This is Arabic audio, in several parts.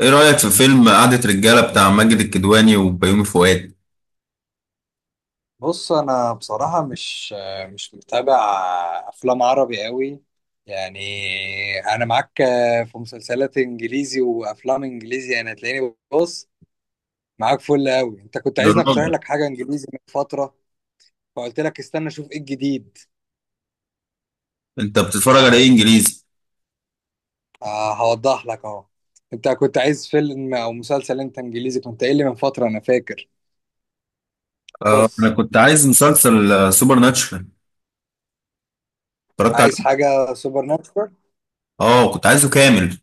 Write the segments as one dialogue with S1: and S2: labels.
S1: ايه رأيك في فيلم قعدة رجالة بتاع ماجد الكدواني وبيومي فؤاد؟
S2: بص، انا بصراحه مش متابع افلام عربي قوي. يعني انا معاك في مسلسلات انجليزي وافلام انجليزي. انا تلاقيني بص معاك فل قوي. انت كنت
S1: يا
S2: عايزني اقترح
S1: راجل،
S2: لك حاجه انجليزي من فتره، فقلت لك استنى اشوف ايه الجديد.
S1: انت بتتفرج على ايه انجليزي؟
S2: آه، هوضح لك اهو. انت كنت عايز فيلم او مسلسل انت انجليزي، كنت قايل لي من فتره، انا فاكر.
S1: آه، انا
S2: بص،
S1: كنت عايز مسلسل سوبر ناتشورال. اتفرجت عليه.
S2: عايز حاجه سوبر ناتشورال.
S1: اه، كنت عايزه كامل.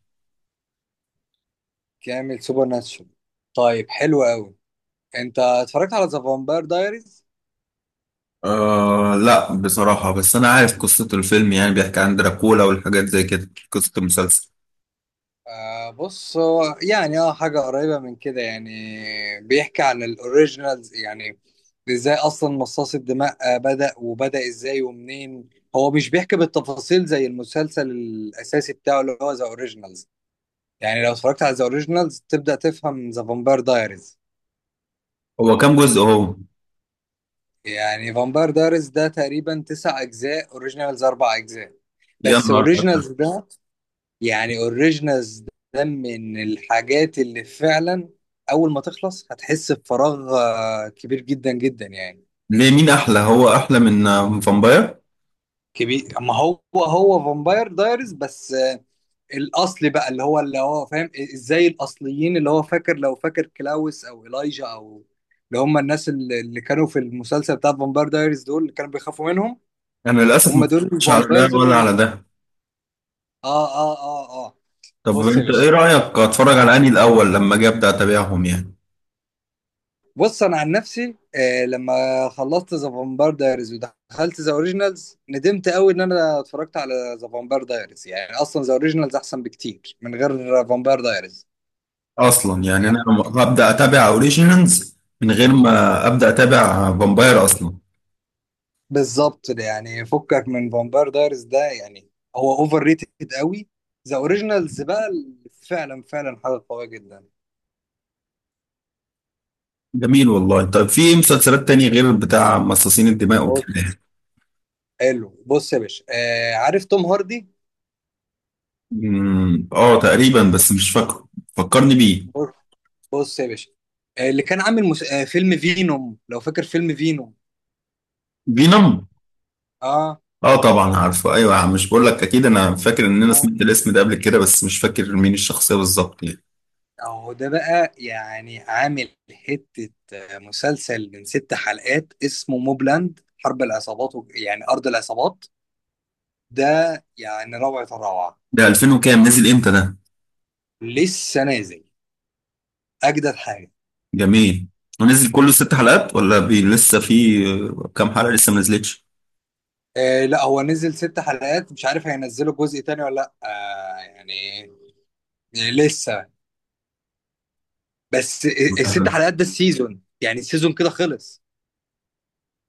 S2: كامل سوبر ناتشورال، طيب حلو قوي. انت اتفرجت على ذا فامباير دايريز؟
S1: آه لا، بصراحة بس انا عارف قصة الفيلم، يعني بيحكي عن دراكولا والحاجات زي كده. قصة المسلسل،
S2: آه بص، هو يعني اه حاجة قريبة من كده يعني. بيحكي عن الاوريجينالز يعني، ازاي اصلا مصاص الدماء بدأ، وبدأ ازاي ومنين. هو مش بيحكي بالتفاصيل زي المسلسل الاساسي بتاعه اللي هو ذا اوريجينالز. يعني لو اتفرجت على ذا اوريجينالز تبدأ تفهم ذا فامباير دايريز.
S1: هو كام جزء هو؟
S2: يعني فامباير دايريز ده تقريبا تسع اجزاء، اوريجينالز اربع اجزاء.
S1: يا
S2: بس
S1: نهار أكتر!
S2: اوريجينالز ده، يعني اوريجينالز ده من الحاجات اللي فعلا اول ما تخلص هتحس بفراغ كبير جدا جدا يعني.
S1: ليه، مين احلى، هو احلى من فامباير
S2: كبير، ما هو فامباير دايرز بس، الاصلي بقى اللي هو فاهم ازاي الاصليين، اللي هو فاكر لو فاكر كلاوس او إيلايجا او اللي هم الناس اللي كانوا في المسلسل بتاع فامباير دايرز، دول اللي كانوا بيخافوا منهم.
S1: انا للاسف ما
S2: هم دول
S1: اتفرجتش على
S2: الفامبايرز
S1: ده ولا
S2: اللي
S1: على ده.
S2: اه اه اه اه
S1: طب
S2: بص يا
S1: انت ايه
S2: باشا.
S1: رأيك، اتفرج على انهي الاول لما اجي ابدا اتابعهم يعني؟
S2: بص انا عن نفسي آه، لما خلصت ذا فامباير دايريز ودخلت ذا اوريجينالز ندمت قوي ان انا اتفرجت على ذا فامباير دايريز. يعني اصلا ذا اوريجينالز احسن بكتير من غير فامباير دايريز.
S1: اصلا يعني انا
S2: يعني
S1: هبدا اتابع اوريجينالز من غير ما ابدا اتابع فامباير اصلا.
S2: بالظبط ده، يعني فكك من فامباير دايريز ده يعني. هو اوفر ريتد قوي. ذا اوريجينالز بقى فعلا فعلا حاجه قويه جدا.
S1: جميل والله. طب في مسلسلات تانية غير بتاع مصاصين الدماء
S2: بص
S1: وكده؟
S2: حلو، بص يا باشا، آه عارف توم هاردي؟
S1: اه تقريبا، بس مش فاكره. فكرني بيه.
S2: بص، بص يا باشا، آه اللي كان عامل مس... آه فيلم فينوم، لو فاكر فيلم فينوم؟
S1: فينوم.
S2: اه،
S1: اه طبعا عارفه، ايوه، مش بقول لك اكيد انا فاكر ان انا سمعت الاسم ده قبل كده، بس مش فاكر مين الشخصيه بالظبط يعني.
S2: اهو ده بقى يعني عامل حتة مسلسل من ست حلقات اسمه موبلاند. حرب العصابات يعني أرض العصابات ده، يعني روعة الروعة.
S1: ده 2000 وكام؟ نزل امتى ده؟
S2: لسه نازل، أجدد حاجة.
S1: جميل. ونزل كله 6 حلقات ولا بي لسه في كام حلقه لسه ما نزلتش؟
S2: آه لا، هو نزل ست حلقات، مش عارف هينزلوا جزء تاني ولا لأ، آه يعني لسه، بس الست حلقات ده السيزون، يعني السيزون كده خلص.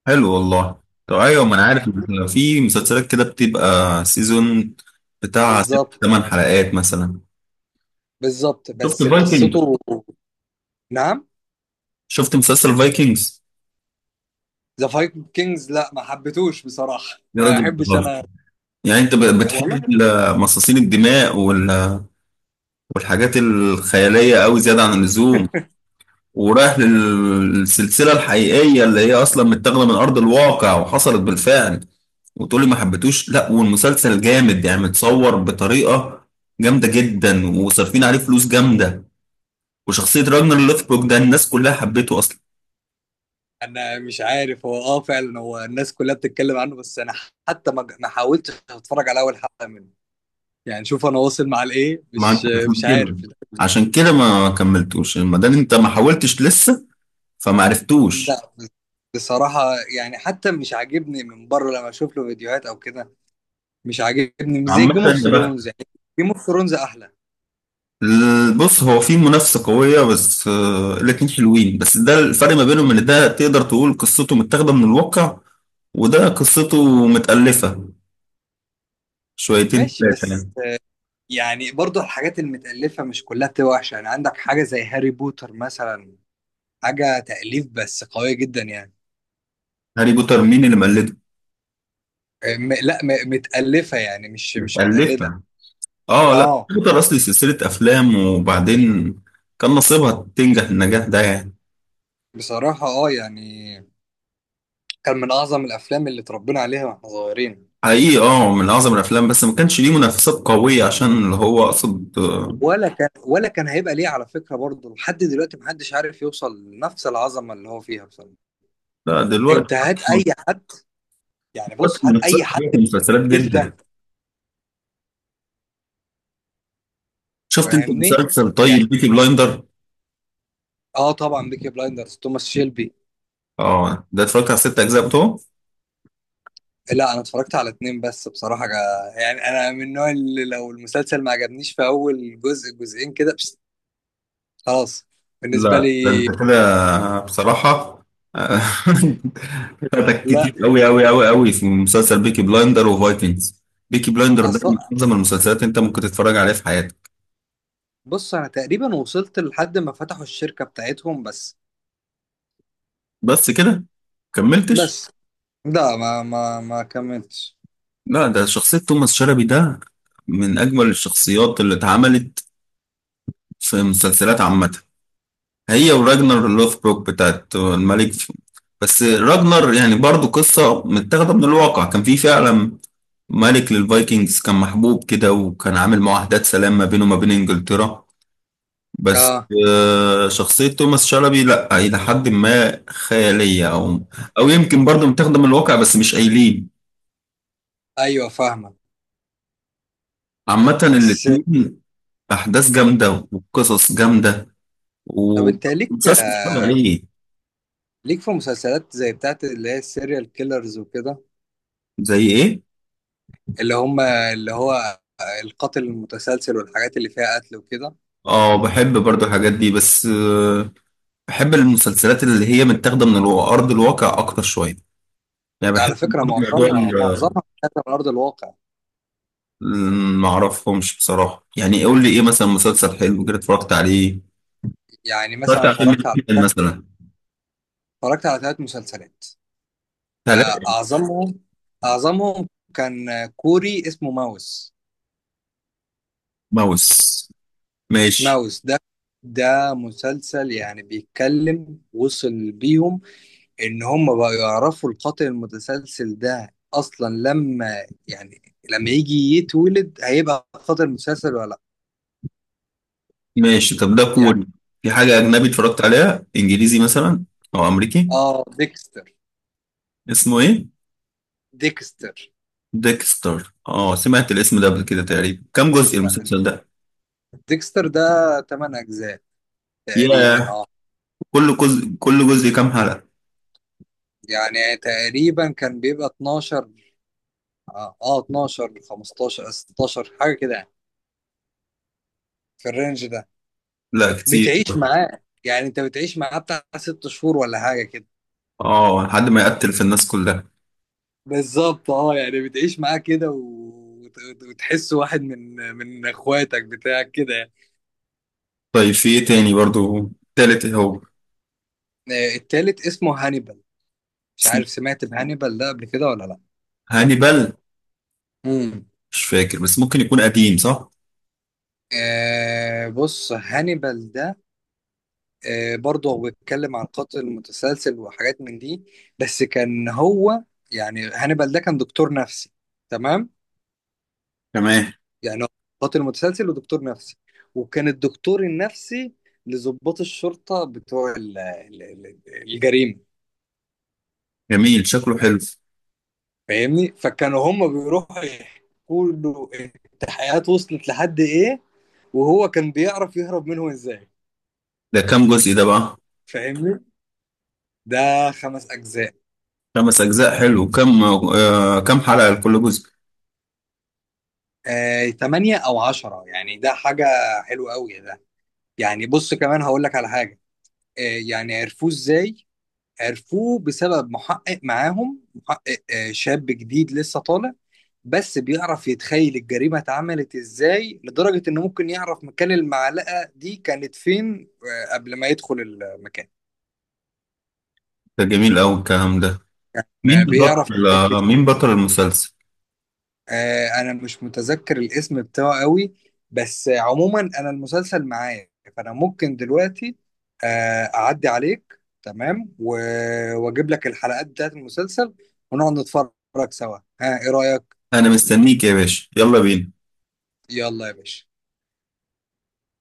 S1: حلو والله. طب ايوه، ما انا عارف إن في مسلسلات كده بتبقى سيزون بتاع ست
S2: بالظبط
S1: ثمان حلقات مثلا.
S2: بالظبط،
S1: شفت
S2: بس
S1: فايكنج
S2: قصته، نعم.
S1: شفت مسلسل فايكنجز؟
S2: ذا فايكنجز لا، ما حبيتهوش بصراحه،
S1: يا
S2: ما
S1: راجل
S2: احبش
S1: بتهزر.
S2: انا
S1: يعني انت بتحب
S2: والله.
S1: مصاصين الدماء والحاجات الخياليه قوي زياده عن اللزوم، ورايح للسلسله الحقيقيه اللي هي اصلا متاخده من ارض الواقع وحصلت بالفعل، وتقولي ما حبيتوش؟ لا والمسلسل جامد يعني، متصور بطريقه جامده جدا وصارفين عليه فلوس جامده، وشخصية راجنر لوثبروك ده الناس كلها حبيته أصلا.
S2: انا مش عارف، هو اه فعلا هو الناس كلها بتتكلم عنه، بس انا حتى ما حاولتش اتفرج على اول حلقه منه. يعني شوف انا واصل مع الايه،
S1: ما عندكش
S2: مش
S1: مشكلة.
S2: عارف.
S1: عشان كده ما كملتوش، ما دام أنت ما حاولتش لسه فما عرفتوش.
S2: لا بصراحه يعني حتى مش عاجبني من بره لما اشوف له فيديوهات او كده. مش عاجبني، مش زي
S1: عامة
S2: جيم اوف
S1: يا بخت.
S2: ثرونز يعني. جيم اوف ثرونز احلى.
S1: بص، هو في منافسة قوية، بس الاتنين حلوين، بس ده الفرق ما بينهم، إن ده تقدر تقول قصته متاخدة من الواقع وده قصته متألفة شويتين
S2: ماشي
S1: تلاتة
S2: بس،
S1: يعني.
S2: يعني برضه الحاجات المتألفة مش كلها بتبقى وحشة، يعني عندك حاجة زي هاري بوتر مثلا، حاجة تأليف بس قوية جدا يعني.
S1: هاري بوتر مين اللي مقلده؟
S2: لا، متألفة يعني، مش متقلدة.
S1: متألفة. اه لا،
S2: اه
S1: هاري بوتر أصلي سلسلة أفلام، وبعدين كان نصيبها تنجح النجاح ده يعني.
S2: بصراحة اه يعني كان من أعظم الأفلام اللي اتربينا عليها واحنا صغيرين.
S1: حقيقي اه، من اعظم الافلام، بس ما كانش ليه منافسات قويه، عشان اللي هو اقصد
S2: ولا كان ولا كان هيبقى ليه على فكرة برضه، لحد دلوقتي محدش عارف يوصل لنفس العظمة اللي هو فيها بصراحة.
S1: لا، دلوقتي
S2: أنت هات
S1: أصلاً-
S2: أي حد، يعني
S1: دلوقتي
S2: بص هات
S1: منافسات
S2: أي حد
S1: قويه في
S2: من
S1: المسلسلات
S2: الجيل
S1: جدا.
S2: ده.
S1: شفت انت
S2: فاهمني
S1: مسلسل،
S2: يعني.
S1: طيب، بيكي بلايندر؟
S2: اه طبعا بيكي بلايندرز، توماس شيلبي.
S1: اه ده اتفرجت على 6 اجزاء بتوعه.
S2: لا انا اتفرجت على اتنين بس بصراحه، يعني انا من النوع اللي لو المسلسل ما عجبنيش في اول جزء جزئين كده، بس خلاص بالنسبه
S1: لا ده انت
S2: لي.
S1: كده بصراحه آه، فاتك
S2: لا
S1: كتير قوي قوي قوي قوي في مسلسل بيكي بلايندر وفايكنجز. بيكي بلايندر ده من
S2: اصلا،
S1: اعظم المسلسلات انت ممكن تتفرج عليها في حياتك.
S2: بص انا تقريبا وصلت لحد ما فتحوا الشركه بتاعتهم بس.
S1: بس كده كملتش؟
S2: بس لا، ما كملتش.
S1: لا ده شخصية توماس شلبي ده من أجمل الشخصيات اللي اتعملت في مسلسلات عامة. هي وراجنر لوثبروك بتاعت الملك. بس راجنر يعني برضو قصة متاخدة من الواقع، كان في فعلا ملك للفايكنجز كان محبوب كده، وكان عامل معاهدات سلام ما بينه وما بين إنجلترا. بس
S2: اه
S1: شخصية توماس شلبي، لا، إلى حد ما خيالية أو يمكن برضو متاخدة من الواقع بس مش قايلين.
S2: ايوه فاهمك،
S1: عامة
S2: بس
S1: الاتنين أحداث جامدة وقصص جامدة،
S2: طب انت ليك
S1: ومسلسل اتفرج عليه.
S2: ليك في مسلسلات زي بتاعت اللي هي السيريال كيلرز وكده؟
S1: زي ايه؟
S2: اللي هم اللي هو القاتل المتسلسل والحاجات اللي فيها قتل وكده.
S1: اه، بحب برضو الحاجات دي بس بحب المسلسلات اللي هي متاخده من ارض الواقع اكتر شويه، يعني بحب
S2: على فكرة
S1: برضو موضوع
S2: معظمها بتتكلم من أرض الواقع.
S1: ما اعرفهمش بصراحه، يعني قول لي ايه مثلا مسلسل حلو كده اتفرجت عليه؟
S2: يعني
S1: اتفرجت
S2: مثلا
S1: على فيلم جدا مثلا.
S2: اتفرجت على ثلاث مسلسلات. آه،
S1: ثلاث.
S2: أعظمهم أعظمهم كان كوري اسمه ماوس.
S1: ماوس. ماشي.
S2: ماوس ده، مسلسل يعني بيتكلم، وصل بيهم إن هم بقوا يعرفوا القاتل المتسلسل ده أصلا لما يعني لما يجي يتولد هيبقى قاتل مسلسل ولا لأ
S1: ماشي، طب ده
S2: يعني.
S1: كوري. في حاجه اجنبي اتفرجت عليها انجليزي مثلا او امريكي؟
S2: آه ديكستر.
S1: اسمه ايه؟
S2: ديكستر.
S1: ديكستر. اه سمعت الاسم ده قبل كده، تقريبا كم جزء المسلسل ده؟
S2: ديكستر ده 8 أجزاء تقريبا
S1: ياه.
S2: اه.
S1: كل جزء كام حلقة؟
S2: يعني تقريبا كان بيبقى 12، اه 12 15 16 حاجه كده يعني، في الرينج ده.
S1: لا كتير.
S2: بتعيش معاه، يعني انت بتعيش معاه بتاع ست شهور ولا حاجه كده.
S1: اه لحد ما يقتل في الناس كلها.
S2: بالظبط اه، يعني بتعيش معاه كده وتحس واحد من اخواتك بتاعك كده يعني.
S1: طيب في ايه تاني برضو، تالت إيه هو؟
S2: التالت اسمه هانيبال، مش
S1: اسمه
S2: عارف سمعت بهانيبال ده قبل كده ولا لا.
S1: هانيبال؟
S2: امم
S1: مش فاكر، بس ممكن يكون قديم، صح.
S2: آه بص، هانيبال ده برضه هو بيتكلم عن قاتل متسلسل وحاجات من دي. بس كان هو، يعني هانيبال ده كان دكتور نفسي، تمام.
S1: تمام.
S2: يعني هو قاتل متسلسل ودكتور نفسي، وكان الدكتور النفسي لضباط الشرطة بتوع الجريمة.
S1: جميل، شكله حلو.
S2: فاهمني، فكانوا هم بيروحوا يحكوا له التحقيقات وصلت لحد ايه، وهو كان بيعرف يهرب منهم ازاي.
S1: ده كام جزء ده بقى؟
S2: فاهمني، ده خمس اجزاء.
S1: 5 اجزاء حلو، كم حلقة لكل جزء؟
S2: تمانية او عشرة يعني، ده حاجة حلوة قوي. يعني بص كمان هقول لك على حاجه، آه، يعني عرفوه ازاي؟ عرفوه بسبب محقق معاهم، محقق شاب جديد لسه طالع، بس بيعرف يتخيل الجريمه اتعملت ازاي، لدرجه انه ممكن يعرف مكان المعلقه دي كانت فين قبل ما يدخل المكان.
S1: ده جميل قوي الكلام ده. مين
S2: بيعرف.
S1: بطل مين بطل المسلسل؟
S2: آه انا مش متذكر الاسم بتاعه قوي، بس عموما انا المسلسل معايا، فانا ممكن دلوقتي آه اعدي عليك تمام واجيب لك الحلقات بتاعت المسلسل ونقعد نتفرج سوا. ها، ايه رأيك؟
S1: انا مستنيك يا باشا، يلا بينا.
S2: يلا يا باشا.